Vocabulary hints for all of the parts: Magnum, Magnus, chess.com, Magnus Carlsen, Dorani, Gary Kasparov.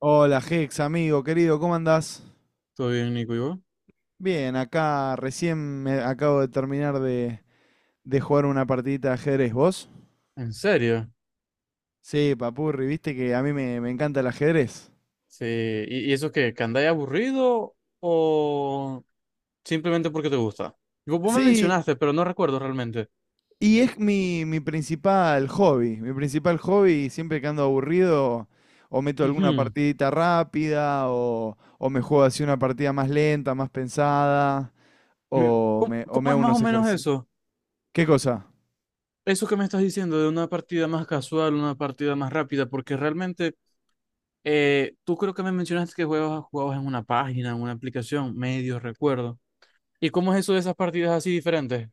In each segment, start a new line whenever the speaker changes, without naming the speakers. Hola, Hex, amigo, querido, ¿cómo andás?
Todo bien, Nico, ¿y vos?
Bien, acá recién me acabo de terminar de jugar una partidita de ajedrez. ¿Vos?
¿En serio?
Sí, papurri, viste que a mí me encanta el ajedrez.
Sí. ¿Y eso qué? ¿Que andáis aburrido o simplemente porque te gusta? Digo, vos me
Sí,
mencionaste, pero no recuerdo realmente.
y es mi principal hobby. Mi principal hobby, siempre que ando aburrido, o meto alguna
Ujú.
partidita rápida, o me juego así una partida más lenta, más pensada, o
¿Cómo,
me, o me
cómo es
hago
más o
unos
menos
ejercicios.
eso?
¿Qué cosa?
Eso que me estás diciendo de una partida más casual, una partida más rápida, porque realmente tú creo que me mencionaste que jugabas en una página, en una aplicación, medio recuerdo. ¿Y cómo es eso de esas partidas así diferentes?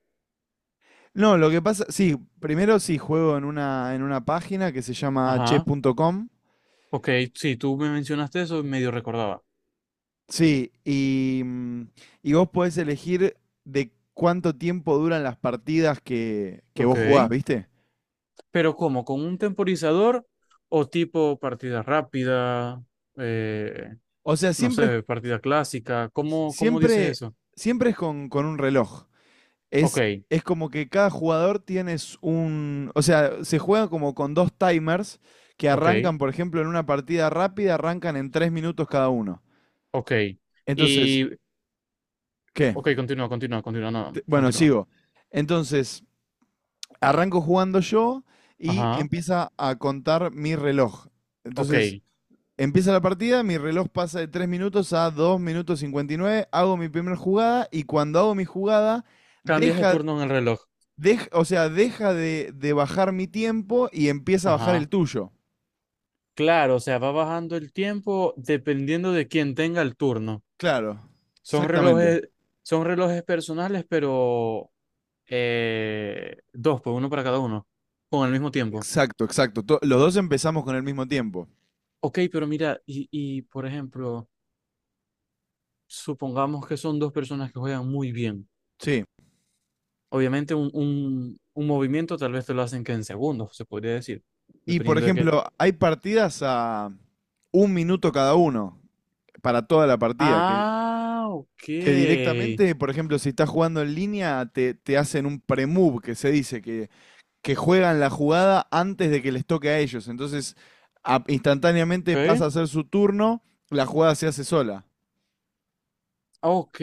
No, lo que pasa, sí, primero sí juego en una página que se llama
Ajá.
chess.com.
Ok, sí, tú me mencionaste eso, y medio recordaba.
Sí, y vos podés elegir de cuánto tiempo duran las partidas que
Ok,
vos jugás, ¿viste?
pero ¿cómo? ¿Con un temporizador o tipo partida rápida? Eh,
O sea,
no sé, partida clásica. ¿Cómo dices
siempre,
eso?
siempre es con un reloj.
Ok,
Es, es como que cada jugador tienes un. O sea, se juega como con dos timers que
ok,
arrancan, por ejemplo, en una partida rápida, arrancan en 3 minutos cada uno.
ok.
Entonces,
Y,
¿qué?
ok, continúa, continúa, continúa, no,
Bueno,
continúa.
sigo. Entonces, arranco jugando yo y
Ajá,
empieza a contar mi reloj.
ok.
Entonces, empieza la partida, mi reloj pasa de 3 minutos a 2 minutos 59, hago mi primera jugada y cuando hago mi jugada,
Cambias de
deja,
turno en el reloj.
o sea, deja de bajar mi tiempo y empieza a bajar el
Ajá.
tuyo.
Claro, o sea, va bajando el tiempo dependiendo de quién tenga el turno.
Claro,
Son
exactamente.
relojes, son relojes personales, pero dos, pues uno para cada uno, con el mismo tiempo.
Exacto, exacto. Los dos empezamos con el mismo tiempo.
Ok, pero mira, y por ejemplo, supongamos que son dos personas que juegan muy bien.
Sí.
Obviamente un movimiento tal vez te lo hacen que en segundos, se podría decir,
Y por
dependiendo de qué.
ejemplo, hay partidas a 1 minuto cada uno para toda la partida,
Ah, ok.
que directamente, por ejemplo, si estás jugando en línea, te hacen un pre-move, que se dice, que juegan la jugada antes de que les toque a ellos. Entonces, instantáneamente pasa
Ok,
a ser su turno, la jugada se hace sola.
ok,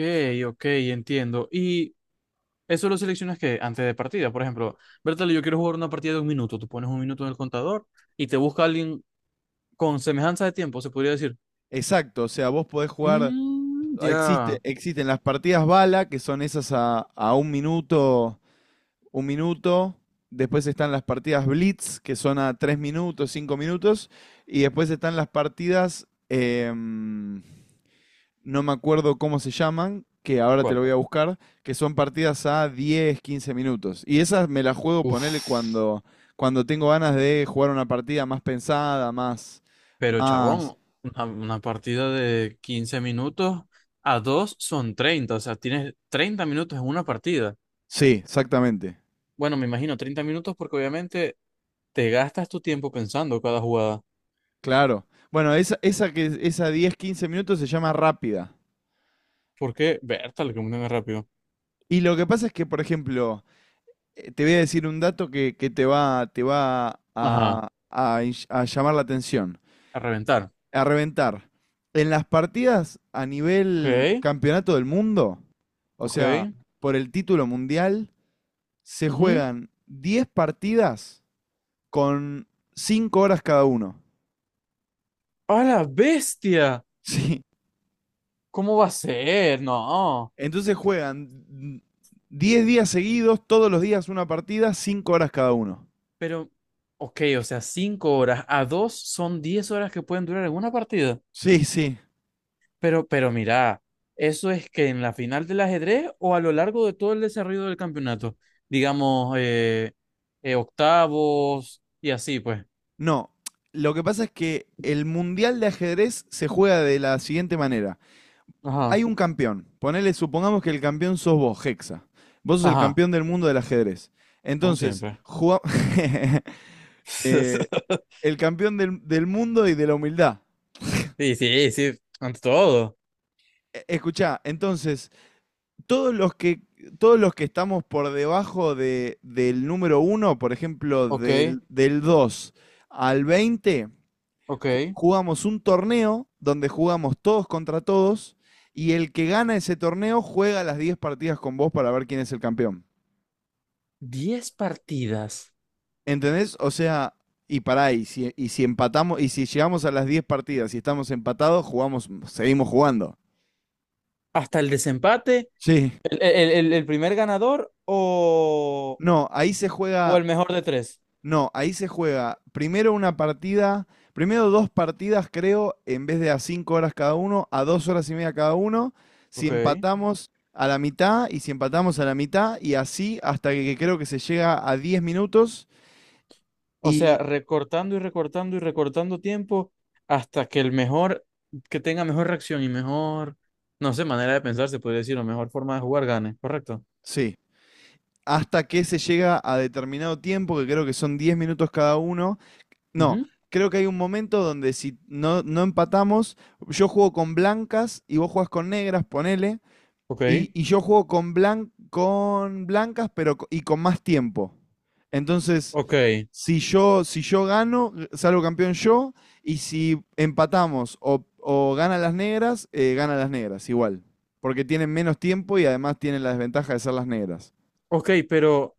ok, entiendo. Y eso lo seleccionas que antes de partida, por ejemplo, Bertale, yo quiero jugar una partida de 1 minuto, tú pones 1 minuto en el contador y te busca alguien con semejanza de tiempo, se podría decir.
Exacto, o sea, vos podés jugar,
Mm,
existe,
ya.
existen las partidas bala, que son esas a 1 minuto, 1 minuto. Después están las partidas blitz, que son a 3 minutos, 5 minutos. Y después están las partidas, em, no me acuerdo cómo se llaman, que ahora te lo
¿Cuál?
voy a buscar, que son partidas a 10, 15 minutos. Y esas me las juego, ponele
Uf,
cuando tengo ganas de jugar una partida más pensada, más,
pero
más.
chabón, una partida de 15 minutos a dos son 30, o sea, tienes 30 minutos en una partida.
Sí, exactamente.
Bueno, me imagino 30 minutos porque obviamente te gastas tu tiempo pensando cada jugada.
Claro. Bueno, esa 10, 15 minutos se llama rápida.
Porque, Bertal, que muy rápido.
Y lo que pasa es que, por ejemplo, te voy a decir un dato que te va
Ajá,
a llamar la atención.
a reventar.
A reventar. En las partidas a
Ok,
nivel campeonato del mundo, o
ok.
sea, por el título mundial, se
Ujú.
juegan 10 partidas con 5 horas cada uno.
¡A la bestia!
Sí.
¿Cómo va a ser? No.
Entonces juegan 10 días seguidos, todos los días una partida, 5 horas cada uno.
Pero, ok, o sea, 5 horas a dos son 10 horas que pueden durar en una partida.
Sí, sí.
Pero mira, eso es que en la final del ajedrez o a lo largo de todo el desarrollo del campeonato, digamos, octavos y así, pues.
No, lo que pasa es que el mundial de ajedrez se juega de la siguiente manera.
Ajá,
Hay un campeón. Ponele, supongamos que el campeón sos vos, Hexa. Vos sos el
ajá,
campeón del mundo del ajedrez.
como
Entonces,
siempre.
eh, el campeón del mundo y de la humildad.
Sí, sí, sí, ante todo.
Escuchá, entonces, todos los que, todos los que estamos por debajo del número uno, por ejemplo,
Ok,
del 2 al 20,
ok.
jugamos un torneo donde jugamos todos contra todos y el que gana ese torneo juega las 10 partidas con vos para ver quién es el campeón.
10 partidas
¿Entendés? O sea, y pará, y si empatamos, y si llegamos a las 10 partidas y estamos empatados, jugamos, seguimos jugando.
hasta el desempate,
Sí.
el primer ganador o,
No, ahí se
o
juega,
el mejor de tres.
no, ahí se juega primero una partida, primero dos partidas, creo, en vez de a 5 horas cada uno, a 2 horas y media cada uno, si
Ok.
empatamos a la mitad y si empatamos a la mitad y así hasta que creo que se llega a 10 minutos,
O sea,
y
recortando y recortando y recortando tiempo hasta que el mejor, que tenga mejor reacción y mejor, no sé, manera de pensar, se puede decir, o mejor forma de jugar gane, ¿correcto?
sí, hasta que se llega a determinado tiempo, que creo que son 10 minutos cada uno. No,
Ujú.
creo que hay un momento donde si no, no empatamos, yo juego con blancas y vos jugás con negras, ponele,
Ok,
y yo juego con blancas pero, y con más tiempo. Entonces,
ok,
si yo gano, salgo campeón yo, y si empatamos o ganan las negras, igual. Porque tienen menos tiempo y además tienen la desventaja de ser las negras.
ok, pero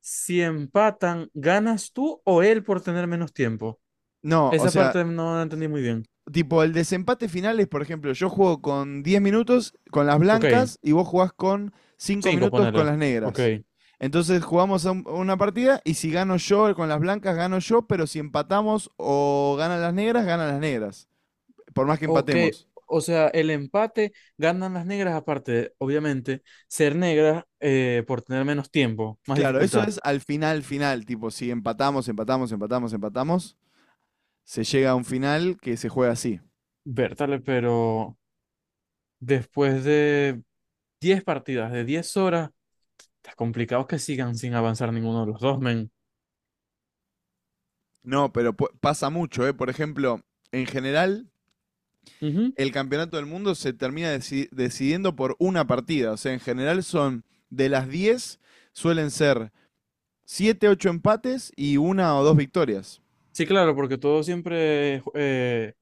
si empatan, ¿ganas tú o él por tener menos tiempo?
No, o
Esa
sea,
parte no la entendí muy bien.
tipo, el desempate final es, por ejemplo, yo juego con diez minutos con las
Ok,
blancas y vos jugás con cinco
cinco,
minutos con
ponele.
las
Ok.
negras. Entonces jugamos a una partida y si gano yo con las blancas, gano yo, pero si empatamos o ganan las negras, ganan las negras. Por más que
Ok,
empatemos.
o sea, el empate ganan las negras aparte, de, obviamente, ser negras por tener menos tiempo, más
Claro, eso
dificultad.
es al final, final. Tipo, si empatamos, empatamos, empatamos, empatamos, se llega a un final que se juega así.
Bertale, pero después de 10 partidas, de 10 horas, está complicado que sigan sin avanzar ninguno de los dos, men.
No, pero pasa mucho, ¿eh? Por ejemplo, en general,
Ujú.
el campeonato del mundo se termina decidiendo por una partida. O sea, en general son de las 10, suelen ser 7, 8 empates y una o dos victorias.
Sí, claro, porque todo siempre,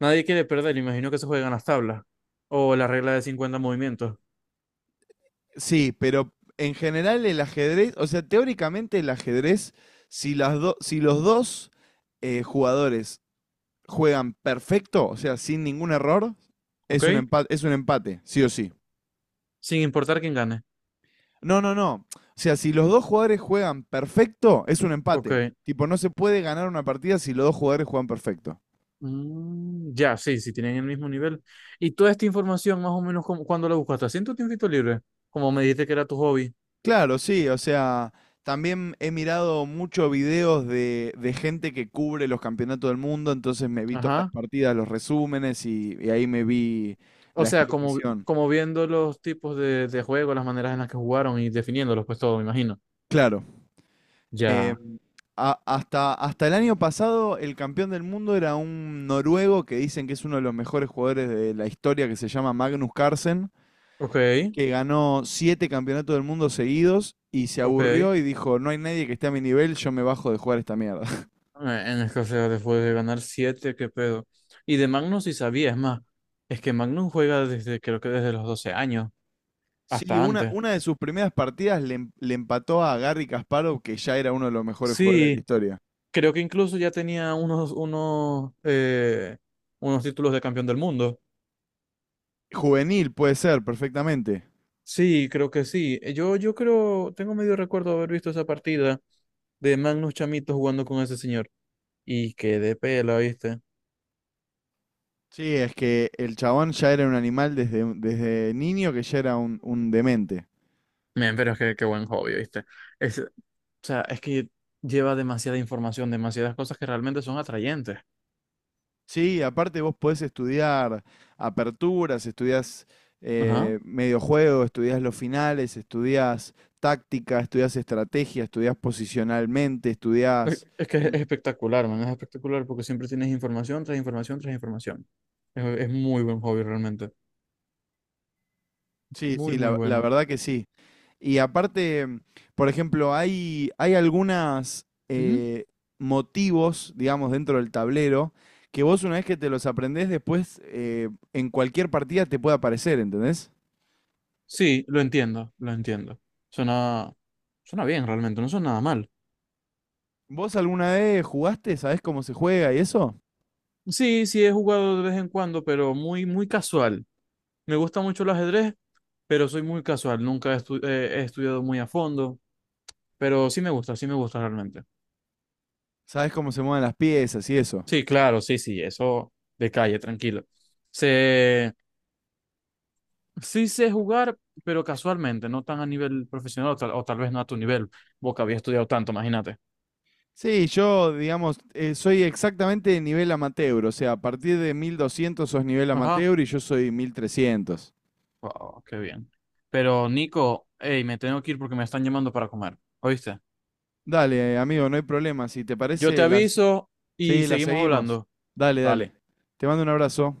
nadie quiere perder, imagino que se juegan las tablas o la regla de 50 movimientos,
Sí, pero en general el ajedrez, o sea, teóricamente el ajedrez, si, si los dos jugadores juegan perfecto, o sea, sin ningún error,
¿ok?
es un empate, sí o sí.
Sin importar quién gane,
No, no, no. O sea, si los dos jugadores juegan perfecto, es un
¿ok?
empate. Tipo, no se puede ganar una partida si los dos jugadores juegan perfecto.
Mm, ya, sí, sí, tienen el mismo nivel. Y toda esta información, más o menos, como, ¿cuándo la buscaste? ¿Haciendo tiempito libre? Como me dijiste que era tu hobby.
Claro, sí, o sea, también he mirado muchos videos de gente que cubre los campeonatos del mundo, entonces me vi todas las
Ajá.
partidas, los resúmenes y ahí me vi
O
la
sea, como,
explicación.
como viendo los tipos de juego, las maneras en las que jugaron y definiéndolos, pues todo, me imagino.
Claro. eh,
Ya.
hasta el año pasado el campeón del mundo era un noruego que dicen que es uno de los mejores jugadores de la historia que se llama Magnus Carlsen,
Ok,
que ganó siete campeonatos del mundo seguidos y se
ok.
aburrió y dijo, no hay nadie que esté a mi nivel, yo me bajo de jugar esta mierda.
En escasez, después de ganar 7 qué pedo. Y de Magnum sí sabía, es más. Es que Magnum juega desde, creo que desde los 12 años,
Sí,
hasta
una,
antes.
una de sus primeras partidas le empató a Gary Kasparov, que ya era uno de los mejores jugadores de la
Sí,
historia.
creo que incluso ya tenía unos, unos títulos de campeón del mundo.
Juvenil, puede ser, perfectamente.
Sí, creo que sí. Yo creo, tengo medio recuerdo haber visto esa partida de Magnus Chamito jugando con ese señor. Y qué de pela, ¿viste?
Sí, es que el chabón ya era un animal desde niño, que ya era un demente.
Men, pero es que qué buen hobby, ¿viste? O sea, es que lleva demasiada información, demasiadas cosas que realmente son atrayentes.
Sí, aparte vos podés estudiar aperturas, estudiás
Ajá.
mediojuego, estudiás los finales, estudiás táctica, estudiás estrategia, estudiás posicionalmente,
Es
estudiás.
es que
Mm.
es espectacular, man, es espectacular porque siempre tienes información tras información tras información. Es muy buen hobby realmente.
Sí,
Muy,
sí,
muy
la
bueno.
verdad que sí. Y aparte, por ejemplo, hay algunas
Ujú.
motivos, digamos, dentro del tablero, que vos una vez que te los aprendés, después en cualquier partida te puede aparecer, ¿entendés?
Sí, lo entiendo, lo entiendo. Suena, suena bien realmente, no suena nada mal.
¿Vos alguna vez jugaste? ¿Sabés cómo se juega y eso?
Sí, sí he jugado de vez en cuando, pero muy, muy casual. Me gusta mucho el ajedrez, pero soy muy casual. Nunca he estudiado muy a fondo, pero sí me gusta realmente.
Sabes cómo se mueven las piezas y eso.
Sí, claro, sí, sí, eso de calle, tranquilo. Sé- sí sé jugar, pero casualmente, no tan a nivel profesional o tal vez no a tu nivel. Vos que habías estudiado tanto, imagínate.
Sí, yo, digamos, soy exactamente de nivel amateur, o sea, a partir de 1200 sos nivel
Ajá.
amateur y yo soy 1300.
Wow, qué bien. Pero Nico, hey, me tengo que ir porque me están llamando para comer. ¿Oíste?
Dale, amigo, no hay problema. Si te
Yo te
parece,
aviso y
sí, las
seguimos
seguimos.
hablando.
Dale, dale.
Dale.
Te mando un abrazo.